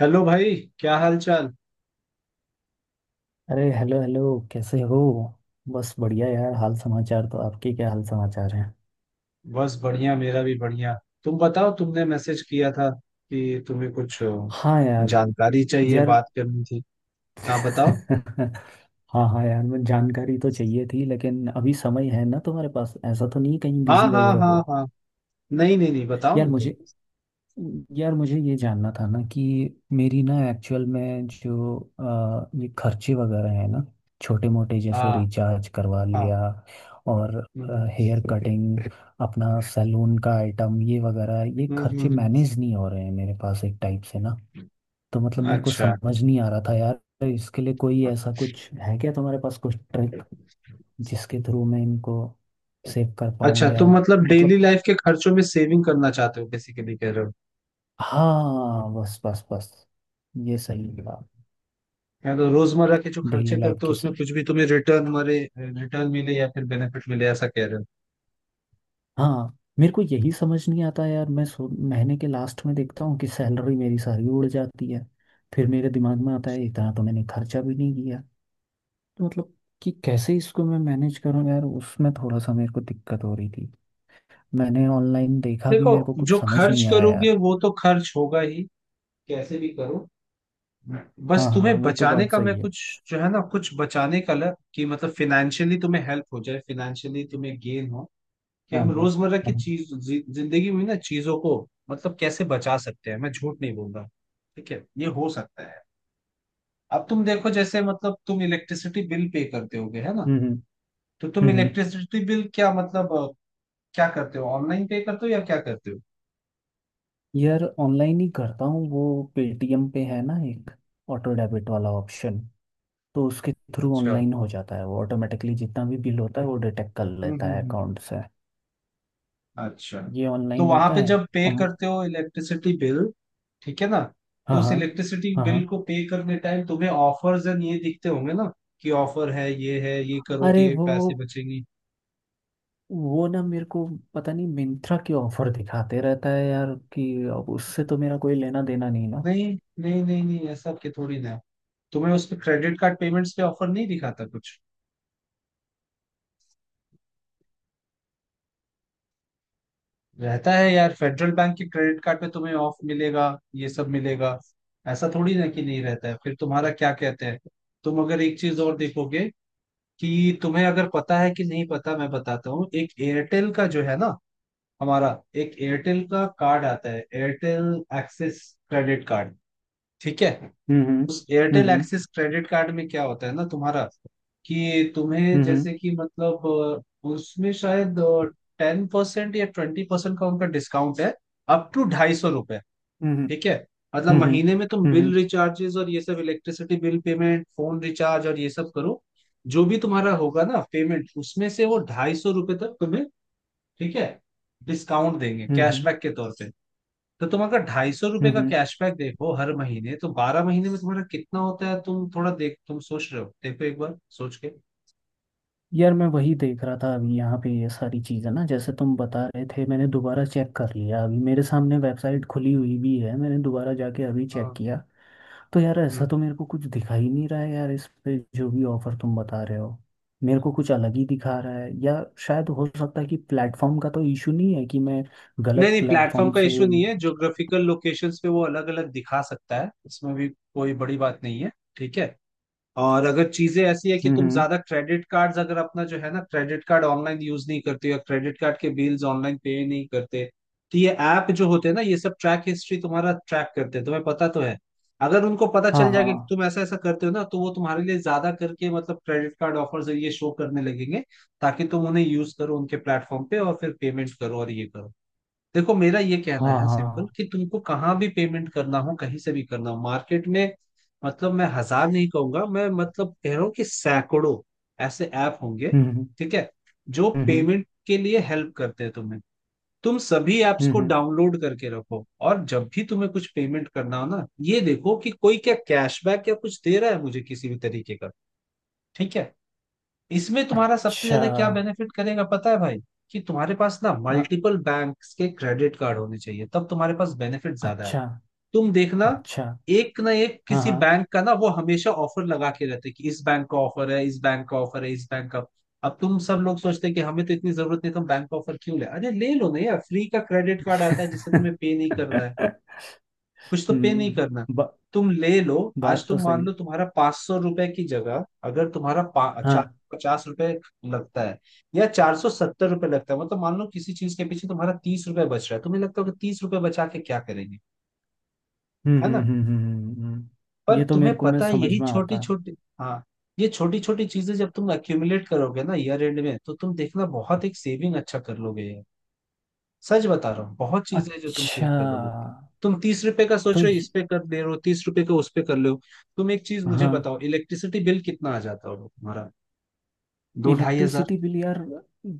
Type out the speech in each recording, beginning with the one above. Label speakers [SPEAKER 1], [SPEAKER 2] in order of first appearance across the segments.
[SPEAKER 1] Hello भाई। क्या हाल चाल।
[SPEAKER 2] अरे हेलो हेलो। कैसे हो? बस बढ़िया यार। हाल समाचार तो, आपके क्या हाल समाचार हैं?
[SPEAKER 1] बस बढ़िया, मेरा भी बढ़िया। तुम बताओ, तुमने मैसेज किया था कि तुम्हें कुछ
[SPEAKER 2] हाँ यार।
[SPEAKER 1] जानकारी चाहिए,
[SPEAKER 2] यार।
[SPEAKER 1] बात करनी थी। हाँ बताओ।
[SPEAKER 2] हाँ हाँ यार, मैं जानकारी तो चाहिए थी लेकिन अभी समय है ना तुम्हारे पास? ऐसा तो नहीं कहीं
[SPEAKER 1] हाँ
[SPEAKER 2] बिजी
[SPEAKER 1] हाँ
[SPEAKER 2] वगैरह
[SPEAKER 1] हाँ
[SPEAKER 2] हो?
[SPEAKER 1] हाँ। नहीं नहीं नहीं, बताओ
[SPEAKER 2] यार
[SPEAKER 1] ना तुम।
[SPEAKER 2] मुझे यार मुझे ये जानना था ना कि मेरी ना एक्चुअल में जो ये खर्चे वगैरह हैं ना, छोटे मोटे जैसे
[SPEAKER 1] हाँ
[SPEAKER 2] रिचार्ज करवा
[SPEAKER 1] हाँ।
[SPEAKER 2] लिया और
[SPEAKER 1] हम्म
[SPEAKER 2] हेयर कटिंग, अपना सैलून का आइटम ये वगैरह, ये
[SPEAKER 1] हम्म
[SPEAKER 2] खर्चे
[SPEAKER 1] हम्म, हम्म।
[SPEAKER 2] मैनेज नहीं हो रहे हैं मेरे पास एक टाइप से ना। तो मतलब मेरे को
[SPEAKER 1] अच्छा
[SPEAKER 2] समझ नहीं आ रहा था यार, इसके लिए कोई ऐसा कुछ है क्या तुम्हारे पास? कुछ ट्रिक
[SPEAKER 1] अच्छा
[SPEAKER 2] जिसके थ्रू मैं इनको सेव कर पाऊँ
[SPEAKER 1] अच्छा,
[SPEAKER 2] या?
[SPEAKER 1] तुम मतलब डेली
[SPEAKER 2] मतलब
[SPEAKER 1] लाइफ के खर्चों में सेविंग करना चाहते हो, बेसिकली कह रहे हो।
[SPEAKER 2] हाँ, बस बस बस, ये सही है।
[SPEAKER 1] या तो रोजमर्रा के जो खर्चे
[SPEAKER 2] डेली लाइफ
[SPEAKER 1] करते हो
[SPEAKER 2] की
[SPEAKER 1] उसमें
[SPEAKER 2] से।
[SPEAKER 1] कुछ भी तुम्हें रिटर्न मिले या फिर बेनिफिट मिले, ऐसा कह रहे हो।
[SPEAKER 2] हाँ, मेरे को यही समझ नहीं आता यार। मैं सो महीने के लास्ट में देखता हूँ कि सैलरी मेरी सारी उड़ जाती है। फिर मेरे दिमाग में आता है, इतना तो मैंने खर्चा भी नहीं किया। तो मतलब कि कैसे इसको मैं मैनेज करूँ यार, उसमें थोड़ा सा मेरे को दिक्कत हो रही थी। मैंने ऑनलाइन देखा भी,
[SPEAKER 1] देखो,
[SPEAKER 2] मेरे को कुछ
[SPEAKER 1] जो
[SPEAKER 2] समझ
[SPEAKER 1] खर्च
[SPEAKER 2] नहीं आया
[SPEAKER 1] करोगे
[SPEAKER 2] यार।
[SPEAKER 1] वो तो खर्च होगा ही, कैसे भी करो। बस
[SPEAKER 2] हाँ हाँ,
[SPEAKER 1] तुम्हें
[SPEAKER 2] वो तो
[SPEAKER 1] बचाने
[SPEAKER 2] बात
[SPEAKER 1] का मैं
[SPEAKER 2] सही है।
[SPEAKER 1] कुछ, जो है ना, कुछ बचाने का लग कि मतलब फिनेंशियली तुम्हें हेल्प हो जाए, फिनेंशियली तुम्हें गेन हो, कि
[SPEAKER 2] हाँ
[SPEAKER 1] हम
[SPEAKER 2] हाँ,
[SPEAKER 1] रोजमर्रा की
[SPEAKER 2] हाँ।
[SPEAKER 1] जिंदगी में ना चीजों को मतलब कैसे बचा सकते हैं। मैं झूठ नहीं बोल रहा, ठीक है, ये हो सकता है। अब तुम देखो, जैसे मतलब तुम इलेक्ट्रिसिटी बिल पे करते होगे, है ना?
[SPEAKER 2] हम्म
[SPEAKER 1] तो तुम
[SPEAKER 2] हम्म हम्म।
[SPEAKER 1] इलेक्ट्रिसिटी बिल क्या मतलब क्या करते हो, ऑनलाइन पे करते हो या क्या करते हो?
[SPEAKER 2] यार ऑनलाइन ही करता हूँ वो। पेटीएम पे है ना एक ऑटो डेबिट वाला ऑप्शन, तो उसके थ्रू
[SPEAKER 1] अच्छा।
[SPEAKER 2] ऑनलाइन हो जाता है वो ऑटोमेटिकली। जितना भी बिल होता है वो डिटेक्ट कर लेता है
[SPEAKER 1] हम्म।
[SPEAKER 2] अकाउंट से।
[SPEAKER 1] अच्छा।
[SPEAKER 2] ये
[SPEAKER 1] तो
[SPEAKER 2] ऑनलाइन
[SPEAKER 1] वहां
[SPEAKER 2] होता
[SPEAKER 1] पे
[SPEAKER 2] है।
[SPEAKER 1] जब पे
[SPEAKER 2] अम,
[SPEAKER 1] करते हो इलेक्ट्रिसिटी बिल, ठीक है ना? तो
[SPEAKER 2] हाँ
[SPEAKER 1] उस
[SPEAKER 2] हाँ।
[SPEAKER 1] इलेक्ट्रिसिटी
[SPEAKER 2] हाँ
[SPEAKER 1] बिल
[SPEAKER 2] हाँ।
[SPEAKER 1] को पे करने टाइम तुम्हें ऑफर्स एंड ये दिखते होंगे ना, कि ऑफर है, ये है, ये करो तो
[SPEAKER 2] अरे
[SPEAKER 1] ये
[SPEAKER 2] वो
[SPEAKER 1] पैसे बचेंगे।
[SPEAKER 2] वो ना मेरे को पता नहीं, मिंत्रा के ऑफर दिखाते रहता है यार। कि अब उससे तो मेरा कोई लेना देना नहीं ना।
[SPEAKER 1] नहीं नहीं नहीं नहीं, ऐसा के थोड़ी ना है। तुम्हें उस पे क्रेडिट कार्ड पेमेंट्स पे ऑफर नहीं दिखाता कुछ? रहता है यार, फेडरल बैंक के क्रेडिट कार्ड पे तुम्हें ऑफ मिलेगा, ये सब मिलेगा। ऐसा थोड़ी ना कि नहीं रहता है। फिर तुम्हारा क्या कहते हैं, तुम अगर एक चीज और देखोगे, कि तुम्हें अगर पता है कि नहीं पता, मैं बताता हूँ। एक एयरटेल का जो है ना हमारा, एक एयरटेल का कार्ड आता है एयरटेल एक्सिस क्रेडिट कार्ड, ठीक है।
[SPEAKER 2] हम्म
[SPEAKER 1] उस
[SPEAKER 2] हम्म
[SPEAKER 1] एयरटेल
[SPEAKER 2] हम्म
[SPEAKER 1] एक्सिस क्रेडिट कार्ड में क्या होता है ना तुम्हारा, कि तुम्हें
[SPEAKER 2] हम्म
[SPEAKER 1] जैसे कि मतलब उसमें शायद 10% या 20% का उनका डिस्काउंट है, अप टू 250,
[SPEAKER 2] हम्म
[SPEAKER 1] ठीक है। मतलब
[SPEAKER 2] हम्म हम्म
[SPEAKER 1] महीने में तुम
[SPEAKER 2] हम्म हम्म
[SPEAKER 1] बिल रिचार्जेस और ये सब electricity bill payment, phone recharge और ये सब करो, जो भी तुम्हारा होगा ना पेमेंट, उसमें से वो 250 रुपये तक तुम्हें, ठीक है, डिस्काउंट देंगे
[SPEAKER 2] हम्म हम्म,
[SPEAKER 1] कैशबैक के तौर पे। तो तुम अगर 250 रुपये का
[SPEAKER 2] हम्म।
[SPEAKER 1] कैशबैक देखो हर महीने, तो 12 महीने में तुम्हारा कितना होता है? तुम थोड़ा देख, तुम सोच रहे हो, देखो एक बार सोच के।
[SPEAKER 2] यार मैं वही देख रहा था अभी। यहाँ पे ये सारी चीज़ें ना, जैसे तुम बता रहे थे, मैंने
[SPEAKER 1] हम्म,
[SPEAKER 2] दोबारा चेक कर लिया। अभी मेरे सामने वेबसाइट
[SPEAKER 1] हम्म,
[SPEAKER 2] खुली हुई भी है, मैंने दोबारा जाके अभी चेक
[SPEAKER 1] हाँ,
[SPEAKER 2] किया। तो यार ऐसा
[SPEAKER 1] हम्म।
[SPEAKER 2] तो मेरे को कुछ दिखा ही नहीं रहा है यार, इस पे जो भी ऑफर तुम बता रहे हो। मेरे को कुछ अलग ही दिखा रहा है। या शायद हो सकता है कि प्लेटफॉर्म का तो इशू नहीं है, कि मैं
[SPEAKER 1] नहीं
[SPEAKER 2] गलत
[SPEAKER 1] नहीं, प्लेटफॉर्म
[SPEAKER 2] प्लेटफॉर्म
[SPEAKER 1] का
[SPEAKER 2] से।
[SPEAKER 1] इशू नहीं
[SPEAKER 2] हम्म।
[SPEAKER 1] है। ज्योग्राफिकल लोकेशंस पे वो अलग अलग दिखा सकता है, इसमें भी कोई बड़ी बात नहीं है, ठीक है। और अगर चीजें ऐसी है कि तुम
[SPEAKER 2] हम्म,
[SPEAKER 1] ज्यादा क्रेडिट कार्ड्स, अगर अपना जो है ना क्रेडिट कार्ड ऑनलाइन यूज नहीं करते हो या क्रेडिट कार्ड के बिल्स ऑनलाइन पे नहीं करते, तो ये ऐप जो होते हैं ना ये सब ट्रैक हिस्ट्री तुम्हारा ट्रैक करते हैं, तुम्हें पता तो है। अगर उनको पता
[SPEAKER 2] हाँ
[SPEAKER 1] चल
[SPEAKER 2] हाँ।
[SPEAKER 1] जाएगा कि तुम ऐसा ऐसा करते हो ना, तो वो तुम्हारे लिए ज्यादा करके मतलब क्रेडिट कार्ड ऑफर्स ये शो करने लगेंगे, ताकि तुम उन्हें यूज करो उनके प्लेटफॉर्म पे और फिर पेमेंट करो और ये करो। देखो, मेरा ये कहना
[SPEAKER 2] हाँ
[SPEAKER 1] है सिंपल,
[SPEAKER 2] हाँ।
[SPEAKER 1] कि तुमको कहाँ भी पेमेंट करना हो कहीं से भी करना हो मार्केट में, मतलब मैं हजार नहीं कहूंगा, मैं मतलब कह रहा हूँ कि सैकड़ों ऐसे ऐप होंगे,
[SPEAKER 2] हम्म हम्म
[SPEAKER 1] ठीक है, जो
[SPEAKER 2] हम्म
[SPEAKER 1] पेमेंट के लिए हेल्प करते हैं तुम्हें। तुम सभी ऐप्स को
[SPEAKER 2] हम्म।
[SPEAKER 1] डाउनलोड करके रखो, और जब भी तुम्हें कुछ पेमेंट करना हो ना, ये देखो कि कोई क्या कैशबैक या कुछ दे रहा है मुझे किसी भी तरीके का, ठीक है। इसमें तुम्हारा सबसे
[SPEAKER 2] अच्छा।
[SPEAKER 1] ज्यादा क्या बेनिफिट करेगा पता है भाई, कि तुम्हारे पास ना
[SPEAKER 2] अ-
[SPEAKER 1] मल्टीपल बैंक्स के क्रेडिट कार्ड होने चाहिए, तब तुम्हारे पास बेनिफिट ज्यादा है।
[SPEAKER 2] अच्छा
[SPEAKER 1] तुम देखना,
[SPEAKER 2] अच्छा।
[SPEAKER 1] एक ना एक
[SPEAKER 2] हाँ
[SPEAKER 1] किसी
[SPEAKER 2] हाँ।
[SPEAKER 1] बैंक का ना वो हमेशा ऑफर लगा के रहते हैं, कि इस बैंक का ऑफर है, इस बैंक का ऑफर है, इस बैंक का। अब तुम सब लोग सोचते हैं कि हमें तो इतनी जरूरत नहीं, तो हम बैंक का ऑफर क्यों ले, अरे ले लो ना यार, फ्री का क्रेडिट कार्ड आता है जिससे
[SPEAKER 2] हम्म।
[SPEAKER 1] तुम्हें पे नहीं करना है, कुछ तो पे नहीं करना,
[SPEAKER 2] बा,
[SPEAKER 1] तुम ले लो। आज
[SPEAKER 2] बात तो
[SPEAKER 1] तुम मान
[SPEAKER 2] सही।
[SPEAKER 1] लो तुम्हारा 500 रुपए की जगह अगर तुम्हारा चार
[SPEAKER 2] हाँ।
[SPEAKER 1] सौ पचास रुपए लगता है या 470 रुपए लगता है, मतलब मान लो किसी चीज के पीछे तुम्हारा 30 रुपए बच रहा है, तुम्हें लगता होगा 30 रुपए बचा के क्या करेंगे, है ना।
[SPEAKER 2] हम्म।
[SPEAKER 1] पर
[SPEAKER 2] ये तो
[SPEAKER 1] तुम्हें
[SPEAKER 2] मेरे को मैं
[SPEAKER 1] पता है
[SPEAKER 2] समझ
[SPEAKER 1] यही
[SPEAKER 2] में
[SPEAKER 1] छोटी
[SPEAKER 2] आता है।
[SPEAKER 1] छोटी, हाँ, ये छोटी छोटी चीजें जब तुम एक्यूमुलेट करोगे ना ईयर एंड में, तो तुम देखना बहुत एक सेविंग अच्छा कर लोगे। सच बता रहा हूँ, बहुत चीजें हैं जो तुम
[SPEAKER 2] अच्छा,
[SPEAKER 1] सेव कर लोगे। तुम 30 रुपए का सोच
[SPEAKER 2] तो
[SPEAKER 1] रहे हो इस
[SPEAKER 2] ये-
[SPEAKER 1] पे कर दे रहे हो, 30 रुपए का उस पे कर ले हो। तुम एक चीज मुझे
[SPEAKER 2] हाँ।
[SPEAKER 1] बताओ, इलेक्ट्रिसिटी बिल कितना आ जाता होगा तुम्हारा, 2-2500?
[SPEAKER 2] इलेक्ट्रिसिटी बिल यार,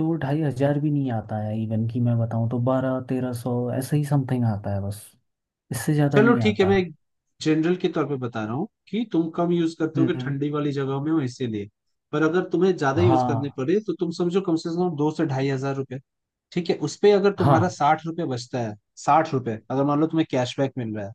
[SPEAKER 2] दो ढाई हजार भी नहीं आता है। इवन कि मैं बताऊं तो 1200-1300 ऐसे ही समथिंग आता है बस, इससे ज़्यादा
[SPEAKER 1] चलो
[SPEAKER 2] नहीं
[SPEAKER 1] ठीक है,
[SPEAKER 2] आता।
[SPEAKER 1] मैं एक जनरल के तौर पे बता रहा हूँ कि तुम कम यूज करते होगे,
[SPEAKER 2] हम्म।
[SPEAKER 1] ठंडी वाली जगहों में हो इसीलिए। पर अगर तुम्हें ज्यादा यूज करने
[SPEAKER 2] हाँ
[SPEAKER 1] पड़े तो तुम समझो कम से कम 2000 से 2500 रुपए, ठीक है। उस पे अगर तुम्हारा
[SPEAKER 2] हाँ
[SPEAKER 1] 60 रुपए बचता है, 60 रुपए अगर मान लो तुम्हें कैशबैक मिल रहा है,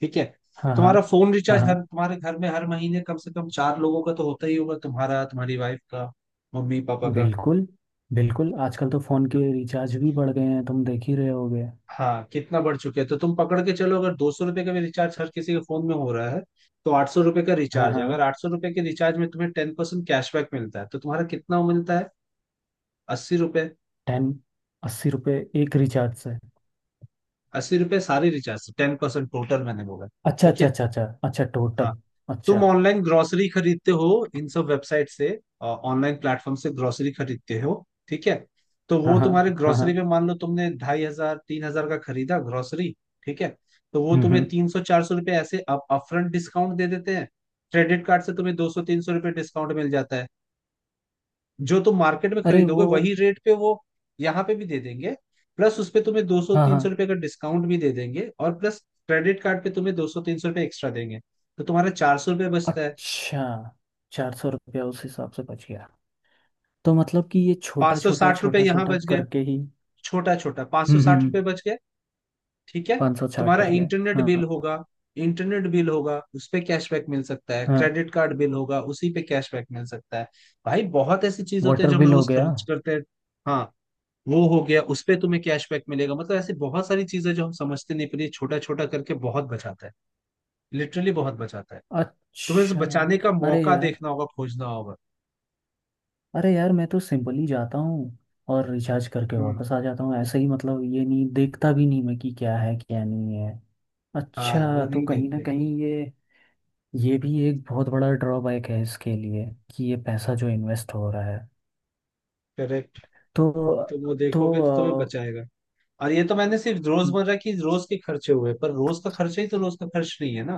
[SPEAKER 1] ठीक है।
[SPEAKER 2] हाँ हाँ।
[SPEAKER 1] तुम्हारा फोन
[SPEAKER 2] हाँ
[SPEAKER 1] रिचार्ज हर
[SPEAKER 2] हाँ।
[SPEAKER 1] तुम्हारे घर में हर महीने कम से कम चार लोगों का तो होता ही होगा, तुम्हारा, तुम्हारी वाइफ का, मम्मी पापा का।
[SPEAKER 2] बिल्कुल। बिल्कुल आजकल तो फ़ोन के रिचार्ज भी बढ़ गए हैं, तुम देख ही रहे होगे।
[SPEAKER 1] हाँ, कितना बढ़ चुके हैं, तो तुम पकड़ के चलो, अगर 200 रुपए का भी रिचार्ज हर किसी के फोन में हो रहा है, तो 800 रुपए का
[SPEAKER 2] हाँ
[SPEAKER 1] रिचार्ज है।
[SPEAKER 2] हाँ।
[SPEAKER 1] अगर 800 रुपए के रिचार्ज में तुम्हें 10% कैशबैक मिलता है, तो तुम्हारा कितना मिलता है, 80 रुपए।
[SPEAKER 2] टेन। 80 रुपये, एक रिचार्ज से?
[SPEAKER 1] अस्सी रुपए सारे रिचार्ज से 10% टोटल मैंने बोला,
[SPEAKER 2] अच्छा
[SPEAKER 1] ठीक
[SPEAKER 2] अच्छा अच्छा अच्छा अच्छा,
[SPEAKER 1] है।
[SPEAKER 2] टोटल। अच्छा।
[SPEAKER 1] तुम ऑनलाइन ग्रोसरी खरीदते हो इन सब वेबसाइट से, ऑनलाइन प्लेटफॉर्म से ग्रोसरी खरीदते हो, ठीक है। तो
[SPEAKER 2] हाँ
[SPEAKER 1] वो
[SPEAKER 2] हाँ
[SPEAKER 1] तुम्हारे
[SPEAKER 2] हाँ हाँ।
[SPEAKER 1] ग्रोसरी पे मान लो तुमने 2500-3000 का खरीदा ग्रोसरी, ठीक है। तो वो
[SPEAKER 2] हम्म।
[SPEAKER 1] तुम्हें 300-400 रुपए ऐसे अप अपफ्रंट डिस्काउंट दे देते हैं, क्रेडिट कार्ड से तुम्हें 200-300 रुपए डिस्काउंट मिल जाता है। जो तुम मार्केट में
[SPEAKER 2] अरे
[SPEAKER 1] खरीदोगे
[SPEAKER 2] वो।
[SPEAKER 1] वही रेट पे वो यहाँ पे भी दे देंगे, प्लस उस पे तुम्हें दो सौ
[SPEAKER 2] हाँ
[SPEAKER 1] तीन
[SPEAKER 2] हाँ।
[SPEAKER 1] सौ रुपए का डिस्काउंट भी दे देंगे, और प्लस क्रेडिट कार्ड पे तुम्हें 200-300 रुपए एक्स्ट्रा देंगे। तो तुम्हारा 400 रुपये बचता है,
[SPEAKER 2] अच्छा, 400 रुपया उस हिसाब से बच गया। तो मतलब कि ये
[SPEAKER 1] पाँच
[SPEAKER 2] छोटा
[SPEAKER 1] सौ
[SPEAKER 2] छोटा
[SPEAKER 1] साठ रुपये
[SPEAKER 2] छोटा
[SPEAKER 1] यहाँ
[SPEAKER 2] छोटा
[SPEAKER 1] बच गए,
[SPEAKER 2] करके ही।
[SPEAKER 1] छोटा छोटा पाँच सौ
[SPEAKER 2] हम्म हम्म
[SPEAKER 1] साठ
[SPEAKER 2] हम्म,
[SPEAKER 1] रुपये बच गए, ठीक है।
[SPEAKER 2] 500 छाट
[SPEAKER 1] तुम्हारा
[SPEAKER 2] पर गया
[SPEAKER 1] इंटरनेट
[SPEAKER 2] हाँ।
[SPEAKER 1] बिल होगा, इंटरनेट बिल होगा उस पे कैशबैक मिल सकता है,
[SPEAKER 2] हाँ,
[SPEAKER 1] क्रेडिट कार्ड बिल होगा उसी पे कैशबैक मिल सकता है। भाई बहुत ऐसी चीज होते हैं
[SPEAKER 2] वाटर
[SPEAKER 1] जो हम
[SPEAKER 2] बिल हो
[SPEAKER 1] रोज
[SPEAKER 2] गया।
[SPEAKER 1] खर्च करते हैं। हाँ, वो हो गया उस पे तुम्हें कैशबैक मिलेगा, मतलब ऐसी बहुत सारी चीजें जो हम समझते नहीं, पर ये छोटा छोटा करके बहुत बचाता है, लिटरली बहुत बचाता है। तुम्हें इसे
[SPEAKER 2] अच्छा।
[SPEAKER 1] बचाने का
[SPEAKER 2] अरे
[SPEAKER 1] मौका
[SPEAKER 2] यार,
[SPEAKER 1] देखना होगा, खोजना होगा।
[SPEAKER 2] अरे यार, मैं तो सिंपली जाता हूँ और रिचार्ज करके
[SPEAKER 1] हम्म।
[SPEAKER 2] वापस आ जाता हूँ ऐसे ही। मतलब ये नहीं देखता भी नहीं मैं कि क्या है क्या नहीं है।
[SPEAKER 1] हाँ, वो
[SPEAKER 2] अच्छा, तो
[SPEAKER 1] नहीं
[SPEAKER 2] कहीं ना
[SPEAKER 1] देखते।
[SPEAKER 2] कहीं ये भी एक बहुत बड़ा ड्रॉबैक है इसके लिए, कि ये पैसा जो इन्वेस्ट हो रहा है
[SPEAKER 1] करेक्ट,
[SPEAKER 2] तो
[SPEAKER 1] तो वो
[SPEAKER 2] तो
[SPEAKER 1] देखोगे तो तुम्हें बचाएगा। और ये तो मैंने सिर्फ
[SPEAKER 2] अ,
[SPEAKER 1] रोजमर्रा की रोज के खर्चे हुए, पर रोज का खर्चा ही तो रोज का खर्च नहीं है ना,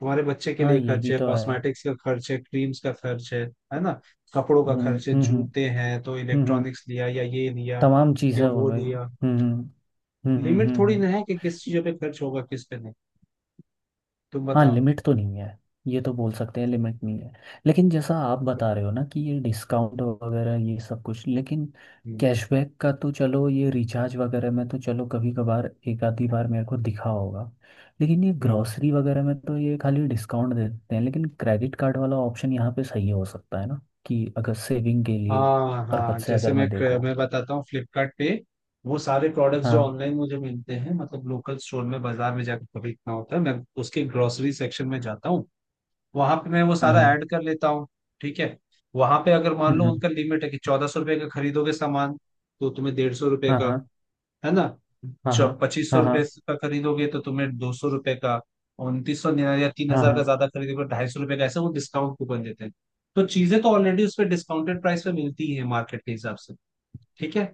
[SPEAKER 1] तुम्हारे बच्चे के
[SPEAKER 2] हाँ
[SPEAKER 1] लिए
[SPEAKER 2] ये
[SPEAKER 1] खर्च
[SPEAKER 2] भी
[SPEAKER 1] है,
[SPEAKER 2] तो है।
[SPEAKER 1] कॉस्मेटिक्स का खर्च है, क्रीम्स का खर्च है ना, कपड़ों का
[SPEAKER 2] हम्म
[SPEAKER 1] खर्च है,
[SPEAKER 2] हम्म हम्म
[SPEAKER 1] जूते
[SPEAKER 2] हम्म,
[SPEAKER 1] हैं, तो
[SPEAKER 2] हम्म,
[SPEAKER 1] इलेक्ट्रॉनिक्स लिया या ये लिया
[SPEAKER 2] तमाम
[SPEAKER 1] या
[SPEAKER 2] चीज़ें हो
[SPEAKER 1] वो
[SPEAKER 2] गई।
[SPEAKER 1] लिया,
[SPEAKER 2] हम्म हम्म
[SPEAKER 1] लिमिट
[SPEAKER 2] हम्म
[SPEAKER 1] थोड़ी ना है
[SPEAKER 2] हम्म।
[SPEAKER 1] कि किस चीजों पे खर्च होगा किस पे नहीं। तुम
[SPEAKER 2] हाँ
[SPEAKER 1] बताओ।
[SPEAKER 2] लिमिट तो नहीं है। ये तो बोल सकते हैं लिमिट नहीं है। लेकिन जैसा आप बता रहे हो ना कि ये डिस्काउंट वगैरह ये सब कुछ, लेकिन
[SPEAKER 1] हम्म,
[SPEAKER 2] कैशबैक का तो चलो, ये रिचार्ज वगैरह में तो चलो कभी कभार एक आधी बार मेरे को दिखा होगा। लेकिन ये
[SPEAKER 1] हम्म।
[SPEAKER 2] ग्रॉसरी वगैरह में तो ये खाली डिस्काउंट दे देते हैं, लेकिन क्रेडिट कार्ड वाला ऑप्शन यहाँ पे सही हो सकता है ना, कि अगर सेविंग के लिए
[SPEAKER 1] हाँ
[SPEAKER 2] पर्पज
[SPEAKER 1] हाँ,
[SPEAKER 2] से
[SPEAKER 1] जैसे
[SPEAKER 2] अगर
[SPEAKER 1] मैं
[SPEAKER 2] मैं देखूँ।
[SPEAKER 1] मैं बताता हूँ फ्लिपकार्ट पे वो सारे प्रोडक्ट्स जो
[SPEAKER 2] हाँ
[SPEAKER 1] ऑनलाइन मुझे मिलते हैं, मतलब लोकल स्टोर में बाजार में जाकर खरीदना होता है, मैं उसके ग्रोसरी सेक्शन में जाता हूँ, वहां पे मैं वो
[SPEAKER 2] हाँ
[SPEAKER 1] सारा
[SPEAKER 2] हाँ।
[SPEAKER 1] ऐड कर लेता हूँ, ठीक है। वहां पे अगर मान लो
[SPEAKER 2] हम्म,
[SPEAKER 1] उनका लिमिट है कि 1400 रुपये का खरीदोगे सामान तो तुम्हें 150 रुपये
[SPEAKER 2] हाँ
[SPEAKER 1] का,
[SPEAKER 2] हाँ
[SPEAKER 1] है ना,
[SPEAKER 2] हाँ
[SPEAKER 1] पच्चीस सौ
[SPEAKER 2] हाँ हाँ
[SPEAKER 1] रुपये का खरीदोगे तो तुम्हें 200 रुपये का, 2900 या तीन
[SPEAKER 2] हाँ
[SPEAKER 1] हजार
[SPEAKER 2] हाँ
[SPEAKER 1] का ज्यादा खरीदोगे तो 250 रुपये का, ऐसे वो डिस्काउंट कूपन देते हैं। तो चीजें तो ऑलरेडी उस पर डिस्काउंटेड प्राइस पे मिलती है मार्केट के हिसाब से, ठीक है,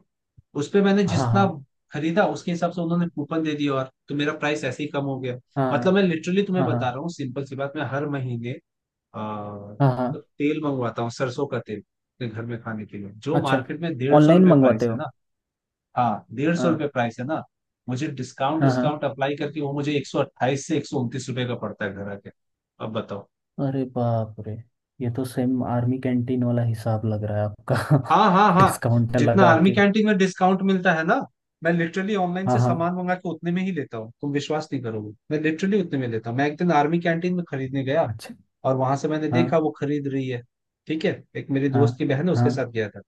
[SPEAKER 1] उस पे मैंने
[SPEAKER 2] हाँ हाँ
[SPEAKER 1] जितना
[SPEAKER 2] हाँ
[SPEAKER 1] खरीदा उसके हिसाब से उन्होंने कूपन दे दिया, और तो मेरा प्राइस ऐसे ही कम हो गया। मतलब मैं लिटरली तुम्हें
[SPEAKER 2] हाँ
[SPEAKER 1] बता
[SPEAKER 2] हाँ
[SPEAKER 1] रहा हूँ सिंपल सी बात, मैं हर महीने आ,
[SPEAKER 2] हाँ हाँ।
[SPEAKER 1] तेल मंगवाता हूँ, सरसों का तेल, अपने घर में खाने के लिए, जो
[SPEAKER 2] अच्छा,
[SPEAKER 1] मार्केट में डेढ़ सौ
[SPEAKER 2] ऑनलाइन
[SPEAKER 1] रुपये
[SPEAKER 2] मंगवाते
[SPEAKER 1] प्राइस है
[SPEAKER 2] हो?
[SPEAKER 1] ना। हाँ, डेढ़ सौ
[SPEAKER 2] हाँ
[SPEAKER 1] रुपये प्राइस है ना, मुझे डिस्काउंट
[SPEAKER 2] हाँ हाँ।
[SPEAKER 1] डिस्काउंट अप्लाई करके वो मुझे 128 से 129 रुपये का पड़ता है घर आके। अब बताओ।
[SPEAKER 2] अरे बाप रे, ये तो सेम आर्मी कैंटीन वाला हिसाब लग रहा है
[SPEAKER 1] हाँ हाँ
[SPEAKER 2] आपका।
[SPEAKER 1] हाँ,
[SPEAKER 2] डिस्काउंट
[SPEAKER 1] जितना
[SPEAKER 2] लगा
[SPEAKER 1] आर्मी
[SPEAKER 2] के।
[SPEAKER 1] कैंटीन में डिस्काउंट मिलता है ना, मैं लिटरली ऑनलाइन
[SPEAKER 2] हाँ
[SPEAKER 1] से
[SPEAKER 2] हाँ।
[SPEAKER 1] सामान मंगा के उतने में ही लेता हूँ, तुम विश्वास नहीं करोगे। मैं लिटरली उतने में लेता हूँ। मैं एक दिन आर्मी कैंटीन में खरीदने गया,
[SPEAKER 2] अच्छा।
[SPEAKER 1] और वहां से मैंने
[SPEAKER 2] हाँ
[SPEAKER 1] देखा वो खरीद रही है। ठीक है, एक मेरी
[SPEAKER 2] हाँ।
[SPEAKER 1] दोस्त की बहन है, उसके
[SPEAKER 2] हाँ
[SPEAKER 1] साथ गया था।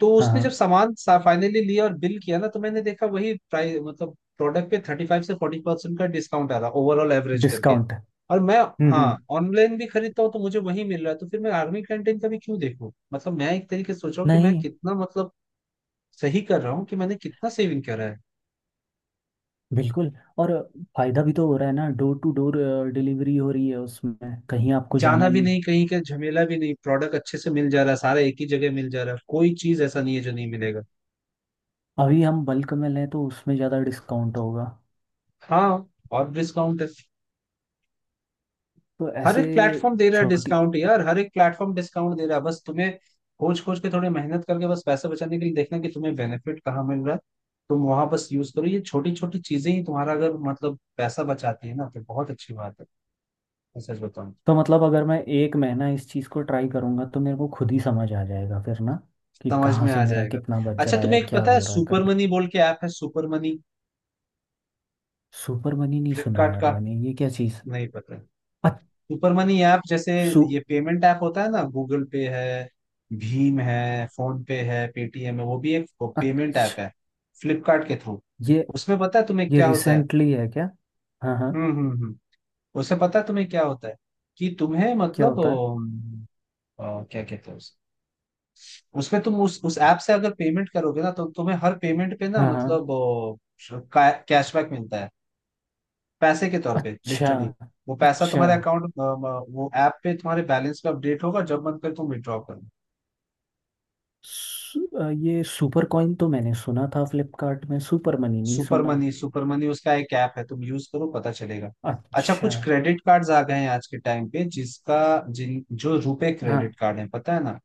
[SPEAKER 1] तो
[SPEAKER 2] हाँ।
[SPEAKER 1] उसने
[SPEAKER 2] हाँ
[SPEAKER 1] जब सामान फाइनली लिया और बिल किया ना, तो मैंने देखा वही प्राइस, मतलब प्रोडक्ट पे 35 से 40% का डिस्काउंट आ रहा, ओवरऑल एवरेज करके।
[SPEAKER 2] डिस्काउंट।
[SPEAKER 1] और मैं,
[SPEAKER 2] हम्म हम्म,
[SPEAKER 1] हाँ, ऑनलाइन भी खरीदता हूँ तो मुझे वही मिल रहा है। तो फिर मैं आर्मी कैंटीन का भी क्यों देखूँ? मतलब मैं एक तरीके से सोच रहा हूँ कि मैं
[SPEAKER 2] नहीं
[SPEAKER 1] कितना, मतलब, सही कर रहा हूँ, कि मैंने कितना सेविंग करा है।
[SPEAKER 2] बिल्कुल। और फायदा भी तो हो रहा है ना, डोर टू डोर डिलीवरी हो रही है उसमें, कहीं आपको
[SPEAKER 1] जाना
[SPEAKER 2] जाना
[SPEAKER 1] भी
[SPEAKER 2] नहीं।
[SPEAKER 1] नहीं, कहीं का झमेला भी नहीं, प्रोडक्ट अच्छे से मिल जा रहा है, सारा एक ही जगह मिल जा रहा है, कोई चीज ऐसा नहीं है जो नहीं मिलेगा।
[SPEAKER 2] अभी हम बल्क में लें तो उसमें ज़्यादा डिस्काउंट होगा।
[SPEAKER 1] हाँ, और डिस्काउंट है।
[SPEAKER 2] तो
[SPEAKER 1] हर
[SPEAKER 2] ऐसे
[SPEAKER 1] एक प्लेटफॉर्म दे रहा है
[SPEAKER 2] छोटी।
[SPEAKER 1] डिस्काउंट यार, हर एक प्लेटफॉर्म डिस्काउंट दे रहा है। बस तुम्हें खोज खोज के थोड़ी मेहनत करके, बस पैसे बचाने के लिए देखना कि तुम्हें बेनिफिट कहाँ मिल रहा है। तुम वहां बस यूज करो, ये छोटी छोटी चीजें ही तुम्हारा अगर मतलब पैसा बचाती है ना, तो बहुत अच्छी बात है। मैं सच बताऊं,
[SPEAKER 2] तो मतलब अगर मैं एक महीना इस चीज़ को ट्राई करूंगा तो मेरे को खुद ही समझ आ जाएगा फिर ना, कि
[SPEAKER 1] समझ
[SPEAKER 2] कहाँ
[SPEAKER 1] में
[SPEAKER 2] से
[SPEAKER 1] आ
[SPEAKER 2] मेरा
[SPEAKER 1] जाएगा।
[SPEAKER 2] कितना बच
[SPEAKER 1] अच्छा,
[SPEAKER 2] रहा है
[SPEAKER 1] तुम्हें एक
[SPEAKER 2] क्या
[SPEAKER 1] पता है?
[SPEAKER 2] हो रहा है
[SPEAKER 1] सुपर
[SPEAKER 2] करके।
[SPEAKER 1] मनी बोल के ऐप है, सुपर मनी,
[SPEAKER 2] सुपर मनी नहीं सुना
[SPEAKER 1] फ्लिपकार्ट
[SPEAKER 2] यार
[SPEAKER 1] का।
[SPEAKER 2] मैंने, ये क्या चीज़?
[SPEAKER 1] नहीं पता? सुपर मनी ऐप, जैसे
[SPEAKER 2] सु।
[SPEAKER 1] ये पेमेंट ऐप होता है ना, गूगल पे है, भीम है, फोन पे है, पेटीएम है, वो भी एक पेमेंट ऐप
[SPEAKER 2] अच्छा,
[SPEAKER 1] है, फ्लिपकार्ट के थ्रू।
[SPEAKER 2] ये
[SPEAKER 1] उसमें पता है तुम्हें
[SPEAKER 2] ये
[SPEAKER 1] क्या होता है?
[SPEAKER 2] रिसेंटली है क्या? हाँ हाँ।
[SPEAKER 1] हम्म हम्म हम्म उसमें पता है तुम्हें क्या होता है, कि तुम्हें
[SPEAKER 2] क्या
[SPEAKER 1] मतलब
[SPEAKER 2] होता है?
[SPEAKER 1] क्या कहते हैं उस उसमें, तुम उस ऐप से अगर पेमेंट करोगे ना, तो तुम्हें हर पेमेंट पे ना,
[SPEAKER 2] हाँ हाँ।
[SPEAKER 1] मतलब कैशबैक मिलता है, पैसे के तौर पे,
[SPEAKER 2] अच्छा
[SPEAKER 1] लिटरली। वो पैसा
[SPEAKER 2] अच्छा।
[SPEAKER 1] तुम्हारे अकाउंट, वो ऐप पे तुम्हारे बैलेंस पे अपडेट होगा, जब मन करे तुम विड्रॉ करो।
[SPEAKER 2] ये सुपर कॉइन तो मैंने सुना था फ्लिपकार्ट में, सुपर मनी नहीं
[SPEAKER 1] सुपर
[SPEAKER 2] सुना।
[SPEAKER 1] मनी, सुपर मनी उसका एक ऐप है, तुम यूज करो, पता चलेगा। अच्छा,
[SPEAKER 2] अच्छा।
[SPEAKER 1] कुछ क्रेडिट कार्ड्स आ गए हैं आज के टाइम पे, जिसका, जिन, जो रुपे
[SPEAKER 2] हाँ,
[SPEAKER 1] क्रेडिट कार्ड है, पता है ना?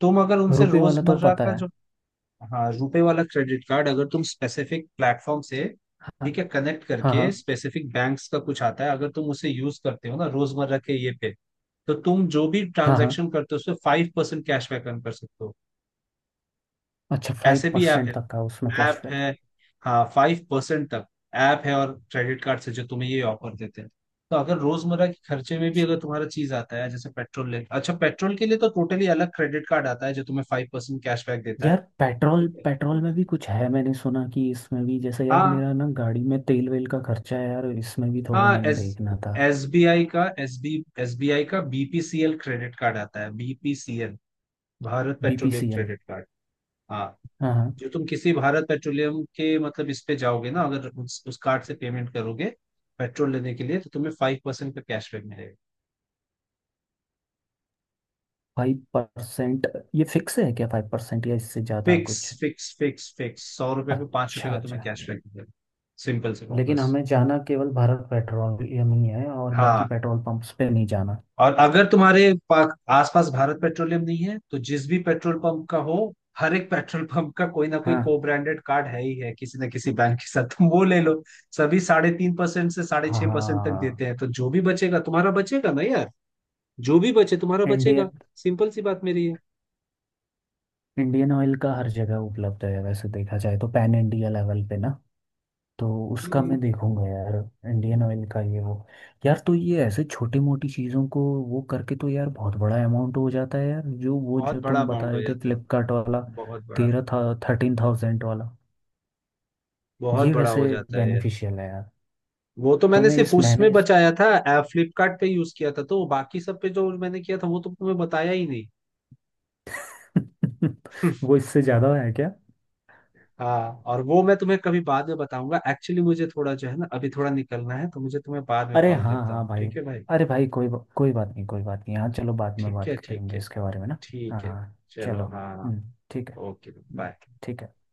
[SPEAKER 1] तुम अगर उनसे
[SPEAKER 2] रुपए वाला तो
[SPEAKER 1] रोजमर्रा
[SPEAKER 2] पता
[SPEAKER 1] का
[SPEAKER 2] है।
[SPEAKER 1] जो... हाँ, रुपे वाला क्रेडिट कार्ड, अगर तुम स्पेसिफिक प्लेटफॉर्म से,
[SPEAKER 2] हाँ
[SPEAKER 1] ठीक है, कनेक्ट
[SPEAKER 2] हाँ
[SPEAKER 1] करके,
[SPEAKER 2] हाँ।
[SPEAKER 1] स्पेसिफिक बैंक्स का कुछ आता है, अगर तुम उसे यूज करते हो ना, रोजमर्रा के ये पे, तो तुम जो भी
[SPEAKER 2] हाँ हाँ हाँ।
[SPEAKER 1] ट्रांजैक्शन करते हो उसपे 5% कैशबैक अर्न कर सकते हो।
[SPEAKER 2] अच्छा, फाइव
[SPEAKER 1] ऐसे भी ऐप
[SPEAKER 2] परसेंट तक का उसमें
[SPEAKER 1] है, ऐप
[SPEAKER 2] कैशबैक?
[SPEAKER 1] है, हाँ, 5% तक। ऐप है, और क्रेडिट कार्ड से जो तुम्हें ये ऑफर देते हैं। तो अगर रोजमर्रा के खर्चे में भी अगर तुम्हारा चीज आता है जैसे पेट्रोल, ले अच्छा पेट्रोल के लिए तो टोटली अलग क्रेडिट कार्ड आता है जो तुम्हें 5% कैशबैक देता
[SPEAKER 2] यार
[SPEAKER 1] है।
[SPEAKER 2] पेट्रोल,
[SPEAKER 1] ठीक है,
[SPEAKER 2] पेट्रोल में भी कुछ है? मैंने सुना कि इसमें भी, जैसे यार
[SPEAKER 1] हाँ,
[SPEAKER 2] मेरा ना गाड़ी में तेल वेल का खर्चा है यार, इसमें भी थोड़ा
[SPEAKER 1] हाँ।
[SPEAKER 2] मैंने
[SPEAKER 1] एस
[SPEAKER 2] देखना था।
[SPEAKER 1] एस बी आई का एस बी आई का बीपीसीएल क्रेडिट कार्ड आता है, BPCL, Bharat Petroleum
[SPEAKER 2] BPCL.
[SPEAKER 1] Credit card, हाँ।
[SPEAKER 2] हाँ हाँ।
[SPEAKER 1] जो तुम किसी भारत पेट्रोलियम के मतलब इस पे जाओगे ना, अगर उस कार्ड से पेमेंट करोगे पेट्रोल लेने के लिए, तो तुम्हें 5% का कैशबैक मिलेगा।
[SPEAKER 2] 5%। ये फिक्स है क्या 5%, या इससे ज़्यादा
[SPEAKER 1] फिक्स,
[SPEAKER 2] कुछ?
[SPEAKER 1] फिक्स, फिक्स, फिक्स, 100 रुपए पे पांच
[SPEAKER 2] अच्छा
[SPEAKER 1] रुपए का
[SPEAKER 2] अच्छा।
[SPEAKER 1] तुम्हें कैशबैक मिलेगा, सिंपल से कहो
[SPEAKER 2] लेकिन
[SPEAKER 1] बस।
[SPEAKER 2] हमें जाना केवल भारत पेट्रोलियम ही है और बाकी
[SPEAKER 1] हाँ,
[SPEAKER 2] पेट्रोल पंप्स पे नहीं जाना?
[SPEAKER 1] और अगर आसपास भारत पेट्रोलियम नहीं है, तो जिस भी पेट्रोल पंप का हो, हर एक पेट्रोल पंप का कोई ना कोई
[SPEAKER 2] हाँ
[SPEAKER 1] को ब्रांडेड कार्ड है ही है किसी ना किसी बैंक के साथ, तुम वो ले लो। सभी 3.5% से 6.5% तक देते
[SPEAKER 2] हाँ।
[SPEAKER 1] हैं, तो जो भी बचेगा तुम्हारा बचेगा ना यार, जो भी बचे तुम्हारा बचेगा।
[SPEAKER 2] इंडियन
[SPEAKER 1] सिंपल सी बात मेरी है।
[SPEAKER 2] इंडियन ऑयल का हर जगह उपलब्ध है वैसे देखा जाए तो, पैन इंडिया लेवल पे ना। तो उसका
[SPEAKER 1] हम्म,
[SPEAKER 2] मैं देखूंगा यार, इंडियन ऑयल का ये वो। यार तो ये ऐसे छोटी मोटी चीज़ों को वो करके तो यार बहुत बड़ा अमाउंट हो जाता है यार, जो वो
[SPEAKER 1] बहुत
[SPEAKER 2] जो
[SPEAKER 1] बड़ा
[SPEAKER 2] तुम बता
[SPEAKER 1] अमाउंट हो
[SPEAKER 2] रहे थे
[SPEAKER 1] जाता है,
[SPEAKER 2] फ्लिपकार्ट वाला।
[SPEAKER 1] बहुत बड़ा,
[SPEAKER 2] तेरह था, 13,000 वाला।
[SPEAKER 1] बहुत
[SPEAKER 2] ये
[SPEAKER 1] बड़ा
[SPEAKER 2] वैसे
[SPEAKER 1] हो जाता है यार।
[SPEAKER 2] बेनिफिशियल है यार।
[SPEAKER 1] वो तो
[SPEAKER 2] तो
[SPEAKER 1] मैंने
[SPEAKER 2] मैं
[SPEAKER 1] सिर्फ
[SPEAKER 2] इस महीने
[SPEAKER 1] उसमें
[SPEAKER 2] इस
[SPEAKER 1] बचाया था, फ्लिपकार्ट पे यूज किया था, तो बाकी सब पे जो मैंने किया था वो तो तुम्हें बताया ही नहीं।
[SPEAKER 2] वो इससे ज़्यादा है क्या?
[SPEAKER 1] हाँ, और वो मैं तुम्हें कभी बाद में बताऊंगा। एक्चुअली, मुझे थोड़ा जो है ना, अभी थोड़ा निकलना है तो मुझे तुम्हें बाद में
[SPEAKER 2] अरे
[SPEAKER 1] कॉल
[SPEAKER 2] हाँ
[SPEAKER 1] करता
[SPEAKER 2] हाँ
[SPEAKER 1] हूँ,
[SPEAKER 2] भाई।
[SPEAKER 1] ठीक है भाई।
[SPEAKER 2] अरे भाई, कोई बात नहीं, कोई बात नहीं, हाँ चलो बाद में
[SPEAKER 1] ठीक
[SPEAKER 2] बात
[SPEAKER 1] है, ठीक
[SPEAKER 2] करेंगे
[SPEAKER 1] है,
[SPEAKER 2] इसके बारे में ना। हाँ
[SPEAKER 1] ठीक है,
[SPEAKER 2] हाँ, चलो।
[SPEAKER 1] चलो, हाँ,
[SPEAKER 2] ठीक है।
[SPEAKER 1] ओके,
[SPEAKER 2] हम्म,
[SPEAKER 1] बाय।
[SPEAKER 2] ठीक है।